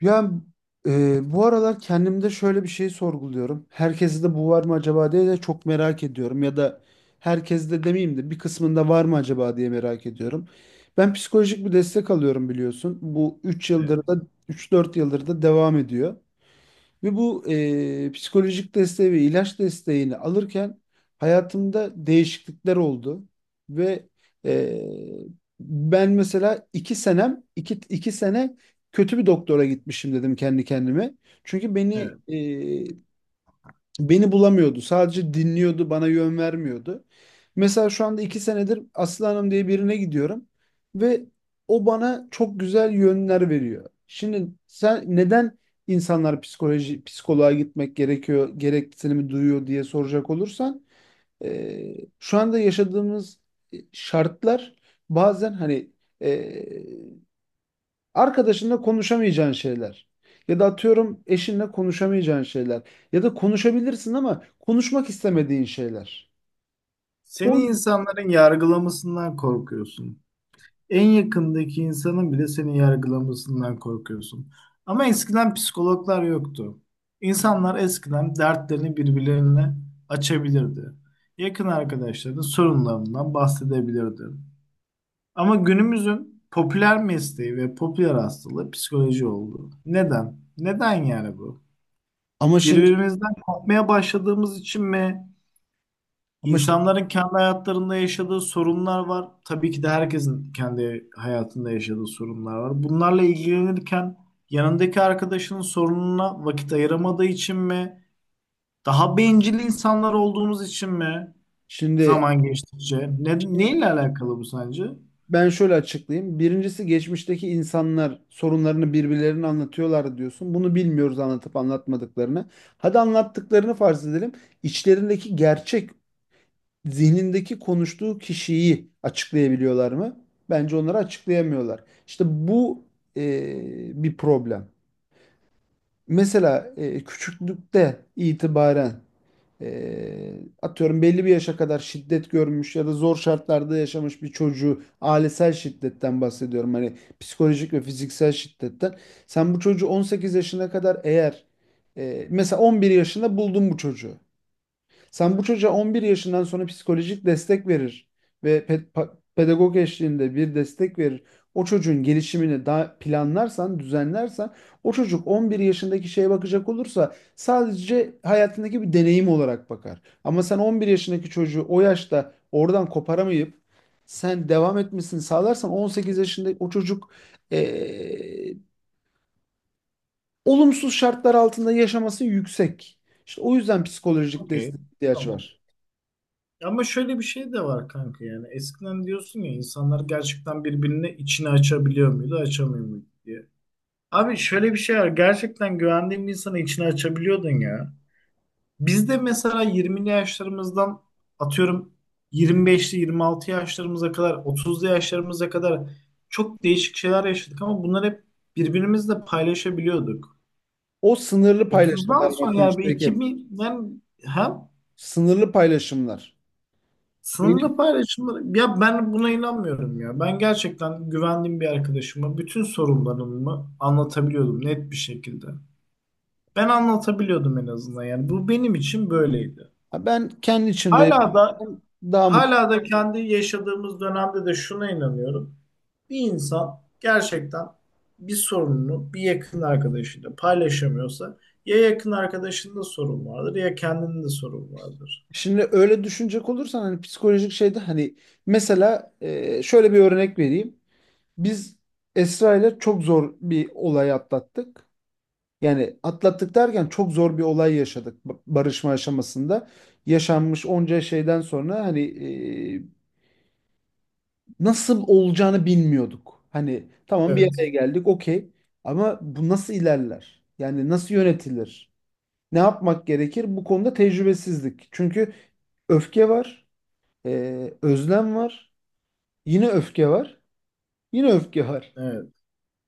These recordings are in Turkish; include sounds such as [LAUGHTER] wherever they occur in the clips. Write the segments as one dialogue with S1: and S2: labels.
S1: Ya bu aralar kendimde şöyle bir şey sorguluyorum. Herkeste de bu var mı acaba diye de çok merak ediyorum. Ya da herkeste de demeyeyim de bir kısmında var mı acaba diye merak ediyorum. Ben psikolojik bir destek alıyorum, biliyorsun. Bu
S2: Evet,
S1: 3-4 yıldır da devam ediyor. Ve bu psikolojik desteği ve ilaç desteğini alırken hayatımda değişiklikler oldu. Ve e, Ben mesela 2 sene kötü bir doktora gitmişim dedim kendi kendime. Çünkü beni
S2: evet.
S1: Beni bulamıyordu. Sadece dinliyordu, bana yön vermiyordu. Mesela şu anda 2 senedir Aslı Hanım diye birine gidiyorum ve o bana çok güzel yönler veriyor. Şimdi sen, neden insanlar psikoloğa gitmek gerekiyor, gereksinimi duyuyor diye soracak olursan, şu anda yaşadığımız şartlar bazen hani arkadaşınla konuşamayacağın şeyler. Ya da atıyorum eşinle konuşamayacağın şeyler. Ya da konuşabilirsin ama konuşmak istemediğin şeyler.
S2: Seni
S1: O
S2: insanların yargılamasından korkuyorsun. En yakındaki insanın bile seni yargılamasından korkuyorsun. Ama eskiden psikologlar yoktu. İnsanlar eskiden dertlerini birbirlerine açabilirdi. Yakın arkadaşlarının sorunlarından bahsedebilirdi. Ama günümüzün popüler mesleği ve popüler hastalığı psikoloji oldu. Neden? Neden yani bu?
S1: ama şimdi
S2: Birbirimizden korkmaya başladığımız için mi?
S1: ama şi-
S2: İnsanların kendi hayatlarında yaşadığı sorunlar var. Tabii ki de herkesin kendi hayatında yaşadığı sorunlar var. Bunlarla ilgilenirken yanındaki arkadaşının sorununa vakit ayıramadığı için mi? Daha bencil insanlar olduğumuz için mi?
S1: şimdi,
S2: Zaman geçtikçe. Ne,
S1: şimdi
S2: neyle alakalı bu sence?
S1: ben şöyle açıklayayım. Birincisi, geçmişteki insanlar sorunlarını birbirlerine anlatıyorlar diyorsun. Bunu bilmiyoruz, anlatıp anlatmadıklarını. Hadi anlattıklarını farz edelim. İçlerindeki gerçek, zihnindeki konuştuğu kişiyi açıklayabiliyorlar mı? Bence onları açıklayamıyorlar. İşte bu bir problem. Mesela küçüklükte itibaren, e, atıyorum belli bir yaşa kadar şiddet görmüş ya da zor şartlarda yaşamış bir çocuğu, ailesel şiddetten bahsediyorum. Hani psikolojik ve fiziksel şiddetten. Sen bu çocuğu 18 yaşına kadar eğer mesela 11 yaşında buldun bu çocuğu. Sen bu çocuğa 11 yaşından sonra psikolojik destek verir ve pedagog eşliğinde bir destek verir. O çocuğun gelişimini daha planlarsan, düzenlersen, o çocuk 11 yaşındaki şeye bakacak olursa sadece hayatındaki bir deneyim olarak bakar. Ama sen 11 yaşındaki çocuğu o yaşta oradan koparamayıp sen devam etmesini sağlarsan, 18 yaşında o çocuk eee, olumsuz şartlar altında yaşaması yüksek. İşte o yüzden psikolojik
S2: Okey.
S1: destek ihtiyaç
S2: Tamam.
S1: var.
S2: Ama şöyle bir şey de var kanka yani. Eskiden diyorsun ya insanlar gerçekten birbirine içini açabiliyor muydu, açamıyor muydu diye. Abi şöyle bir şey var. Gerçekten güvendiğin bir insanı içine açabiliyordun ya. Biz de mesela 20'li yaşlarımızdan atıyorum 25'li 26 yaşlarımıza kadar 30'lu yaşlarımıza kadar çok değişik şeyler yaşadık ama bunları hep birbirimizle paylaşabiliyorduk.
S1: O sınırlı
S2: 30'dan
S1: paylaşımlar,
S2: sonra
S1: Metin
S2: yani bir
S1: Şevket.
S2: 2000'den hem
S1: Sınırlı paylaşımlar. Benim,
S2: sınırlı paylaşımları ya ben buna inanmıyorum ya. Ben gerçekten güvendiğim bir arkadaşıma bütün sorunlarımı anlatabiliyordum net bir şekilde. Ben anlatabiliyordum en azından yani. Bu benim için böyleydi.
S1: Ha, ben kendi içimde
S2: Hala da
S1: yaşarsam daha mutlu.
S2: hala da kendi yaşadığımız dönemde de şuna inanıyorum. Bir insan gerçekten bir sorununu bir yakın arkadaşıyla paylaşamıyorsa ya yakın arkadaşında sorun vardır ya kendinde sorun vardır.
S1: Şimdi öyle düşünecek olursan hani psikolojik şeyde, hani mesela şöyle bir örnek vereyim. Biz Esra ile çok zor bir olay atlattık. Yani atlattık derken çok zor bir olay yaşadık, barışma aşamasında. Yaşanmış onca şeyden sonra hani e, nasıl olacağını bilmiyorduk. Hani tamam, bir
S2: Evet.
S1: araya geldik, okey, ama bu nasıl ilerler? Yani nasıl yönetilir? Ne yapmak gerekir? Bu konuda tecrübesizlik. Çünkü öfke var, özlem var, yine öfke var, yine öfke var.
S2: Evet.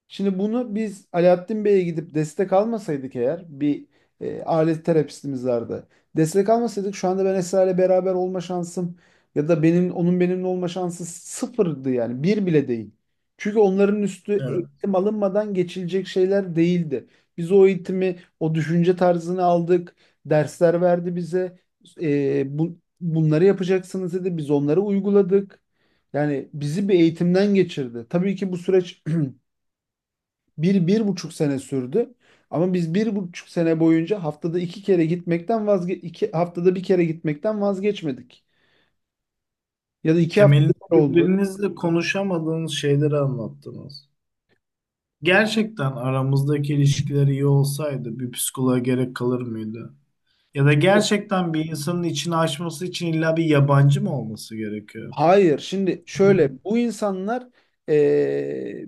S1: Şimdi bunu biz Alaaddin Bey'e gidip destek almasaydık eğer, bir alet terapistimiz vardı. Destek almasaydık, şu anda ben Esra ile beraber olma şansım ya da benim onun benimle olma şansı sıfırdı, yani bir bile değil. Çünkü onların üstü
S2: Evet.
S1: eğitim alınmadan geçilecek şeyler değildi. Biz o eğitimi, o düşünce tarzını aldık. Dersler verdi bize. Bunları yapacaksınız dedi. Biz onları uyguladık. Yani bizi bir eğitimden geçirdi. Tabii ki bu süreç bir, 1,5 sene sürdü. Ama biz 1,5 sene boyunca haftada iki kere gitmekten vazge 2 haftada bir kere gitmekten vazgeçmedik. Ya da iki haftada
S2: Temelinde
S1: bir oldu.
S2: birbirinizle konuşamadığınız şeyleri anlattınız. Gerçekten aramızdaki ilişkiler iyi olsaydı bir psikoloğa gerek kalır mıydı? Ya da gerçekten bir insanın içini açması için illa bir yabancı mı olması gerekiyor?
S1: Hayır, şimdi şöyle, bu insanlar eee,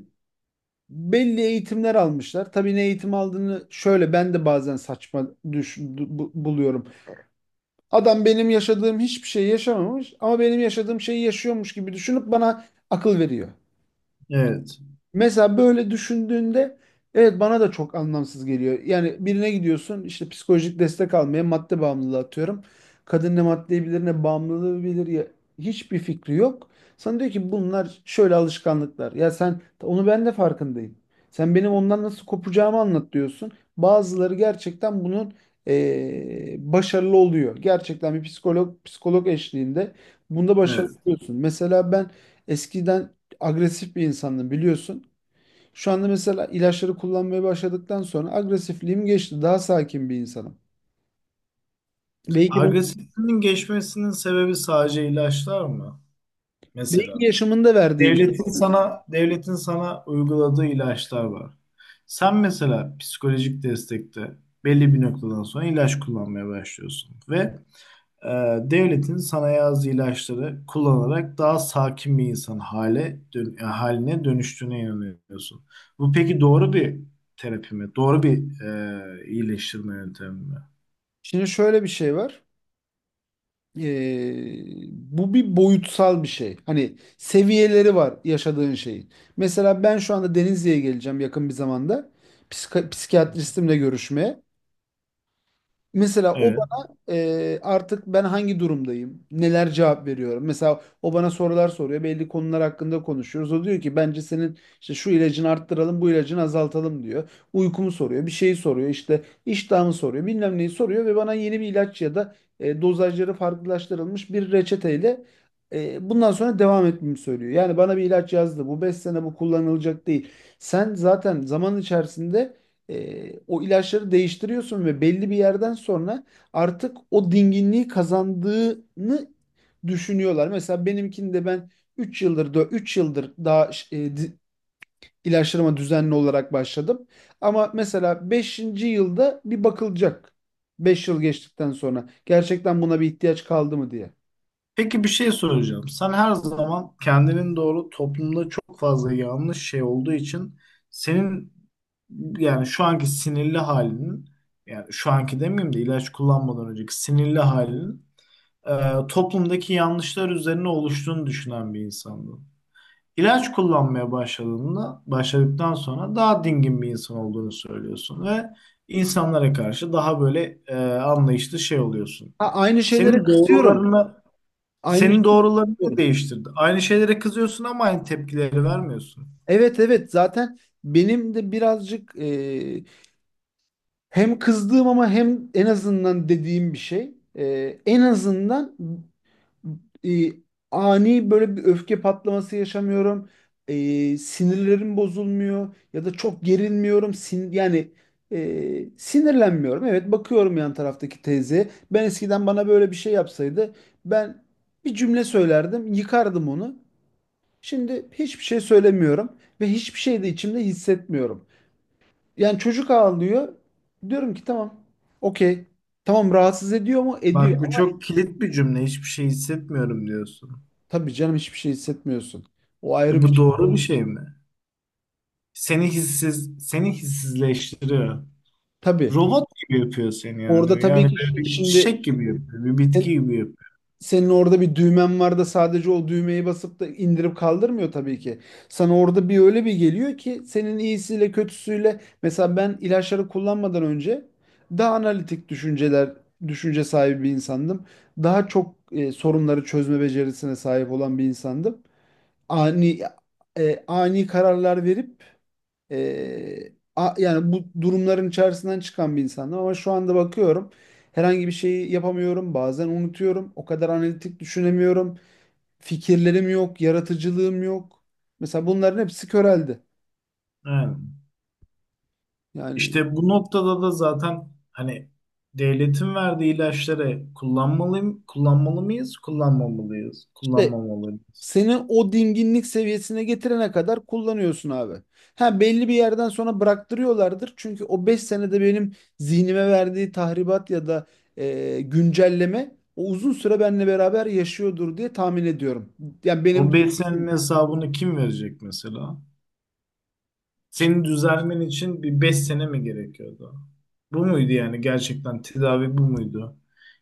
S1: belli eğitimler almışlar. Tabii ne eğitim aldığını, şöyle ben de bazen saçma buluyorum. Adam benim yaşadığım hiçbir şey yaşamamış ama benim yaşadığım şeyi yaşıyormuş gibi düşünüp bana akıl veriyor.
S2: Evet.
S1: Mesela böyle düşündüğünde evet, bana da çok anlamsız geliyor. Yani birine gidiyorsun işte psikolojik destek almaya, madde bağımlılığı atıyorum. Kadın ne maddeyi bilir ne bağımlılığı bilir, ya hiçbir fikri yok. Sana diyor ki bunlar şöyle alışkanlıklar. Ya sen onu, ben de farkındayım. Sen benim ondan nasıl kopacağımı anlat, diyorsun. Bazıları gerçekten bunun başarılı oluyor. Gerçekten bir psikolog eşliğinde bunda başarılı
S2: Evet.
S1: oluyorsun. Mesela ben eskiden agresif bir insandım, biliyorsun. Şu anda mesela ilaçları kullanmaya başladıktan sonra agresifliğim geçti. Daha sakin bir insanım. Belki bunu
S2: Agresifliğin geçmesinin sebebi sadece ilaçlar mı?
S1: belki
S2: Mesela
S1: yaşamında verdiği bir
S2: devletin
S1: şey.
S2: sana devletin sana uyguladığı ilaçlar var. Sen mesela psikolojik destekte belli bir noktadan sonra ilaç kullanmaya başlıyorsun ve e, devletin sanayi ağzı ilaçları kullanarak daha sakin bir insan yani haline dönüştüğüne inanıyorsun. Bu peki doğru bir terapi mi? Doğru bir iyileştirme yöntemi mi?
S1: Şimdi şöyle bir şey var. Ee, bu bir boyutsal bir şey. Hani seviyeleri var yaşadığın şeyin. Mesela ben şu anda Denizli'ye geleceğim yakın bir zamanda. Psikiyatristimle görüşmeye. Mesela o
S2: Evet.
S1: bana artık ben hangi durumdayım, neler cevap veriyorum. Mesela o bana sorular soruyor, belli konular hakkında konuşuyoruz. O diyor ki bence senin işte şu ilacını arttıralım, bu ilacını azaltalım diyor. Uykumu soruyor, bir şeyi soruyor, işte iştahımı soruyor, bilmem neyi soruyor ve bana yeni bir ilaç ya da dozajları farklılaştırılmış bir reçeteyle bundan sonra devam etmemi söylüyor. Yani bana bir ilaç yazdı, bu 5 sene bu kullanılacak değil. Sen zaten zaman içerisinde o ilaçları değiştiriyorsun ve belli bir yerden sonra artık o dinginliği kazandığını düşünüyorlar. Mesela benimkinde ben 3 yıldır da 3 yıldır daha e, di- ilaçlarıma düzenli olarak başladım. Ama mesela beşinci yılda bir bakılacak. 5 yıl geçtikten sonra gerçekten buna bir ihtiyaç kaldı mı diye.
S2: Peki bir şey soracağım. Sen her zaman kendinin doğru toplumda çok fazla yanlış şey olduğu için senin yani şu anki sinirli halinin yani şu anki demeyeyim de ilaç kullanmadan önceki sinirli halinin toplumdaki yanlışlar üzerine oluştuğunu düşünen bir insandı. İlaç kullanmaya başladığında, başladıktan sonra daha dingin bir insan olduğunu söylüyorsun ve insanlara karşı daha böyle anlayışlı şey oluyorsun.
S1: Ha, aynı şeylere
S2: Senin
S1: kızıyorum.
S2: doğrularını
S1: Aynı
S2: senin
S1: şeylere
S2: doğrularını
S1: kızıyorum.
S2: değiştirdi? Aynı şeylere kızıyorsun ama aynı tepkileri vermiyorsun.
S1: Evet, evet, zaten benim de birazcık hem kızdığım ama hem en azından dediğim bir şey. En azından e, ani böyle bir öfke patlaması yaşamıyorum. Sinirlerim bozulmuyor ya da çok gerilmiyorum. Yani sinirlenmiyorum. Evet, bakıyorum yan taraftaki teyzeye. Ben eskiden, bana böyle bir şey yapsaydı, ben bir cümle söylerdim, yıkardım onu. Şimdi hiçbir şey söylemiyorum ve hiçbir şey de içimde hissetmiyorum. Yani çocuk ağlıyor. Diyorum ki tamam. Okey. Tamam, rahatsız ediyor mu? Ediyor.
S2: Bak bu çok kilit bir cümle. Hiçbir şey hissetmiyorum diyorsun.
S1: Tabii canım, hiçbir şey hissetmiyorsun. O ayrı
S2: E,
S1: bir
S2: bu
S1: şey.
S2: doğru bir şey mi? Seni hissiz, seni hissizleştiriyor.
S1: Tabii.
S2: Robot gibi yapıyor seni
S1: Orada
S2: yani.
S1: tabii
S2: Yani
S1: ki
S2: böyle bir
S1: şimdi,
S2: çiçek gibi yapıyor, bir bitki
S1: sen-
S2: gibi yapıyor.
S1: senin orada bir düğmen var da sadece o düğmeyi basıp da indirip kaldırmıyor tabii ki. Sana orada bir öyle bir geliyor ki, senin iyisiyle kötüsüyle, mesela ben ilaçları kullanmadan önce daha analitik düşünce sahibi bir insandım. Daha çok sorunları çözme becerisine sahip olan bir insandım. ani ani kararlar verip, yani bu durumların içerisinden çıkan bir insandım, ama şu anda bakıyorum herhangi bir şeyi yapamıyorum, bazen unutuyorum, o kadar analitik düşünemiyorum, fikirlerim yok, yaratıcılığım yok, mesela bunların hepsi köreldi,
S2: Yani
S1: yani
S2: işte bu noktada da zaten hani devletin verdiği ilaçları kullanmalıyım, kullanmalı mıyız, kullanmamalıyız,
S1: işte.
S2: kullanmamalıyız.
S1: Seni o dinginlik seviyesine getirene kadar kullanıyorsun, abi. Ha, belli bir yerden sonra bıraktırıyorlardır. Çünkü o 5 senede benim zihnime verdiği tahribat ya da güncelleme o uzun süre benimle beraber yaşıyordur diye tahmin ediyorum. Yani benim
S2: O beslenme hesabını kim verecek mesela?
S1: işte,
S2: Seni düzelmen için bir 5 sene mi gerekiyordu? Bu muydu yani gerçekten tedavi bu muydu?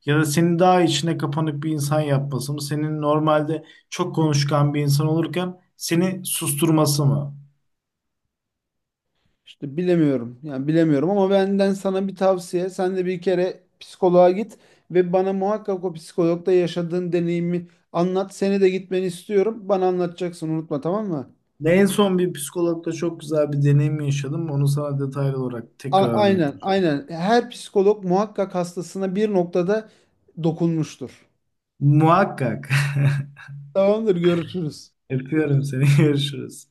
S2: Ya da seni daha içine kapanık bir insan yapması mı? Senin normalde çok konuşkan bir insan olurken seni susturması mı?
S1: işte bilemiyorum. Yani bilemiyorum, ama benden sana bir tavsiye. Sen de bir kere psikoloğa git ve bana muhakkak o psikologda yaşadığın deneyimi anlat. Seni de gitmeni istiyorum. Bana anlatacaksın, unutma, tamam mı?
S2: Ne en son bir psikologla çok güzel bir deneyim yaşadım. Onu sana detaylı olarak tekrar
S1: Aynen,
S2: anlatacağım.
S1: aynen. Her psikolog muhakkak hastasına bir noktada dokunmuştur.
S2: Muhakkak.
S1: Tamamdır, görüşürüz.
S2: [LAUGHS] Öpüyorum seni. [LAUGHS] Görüşürüz.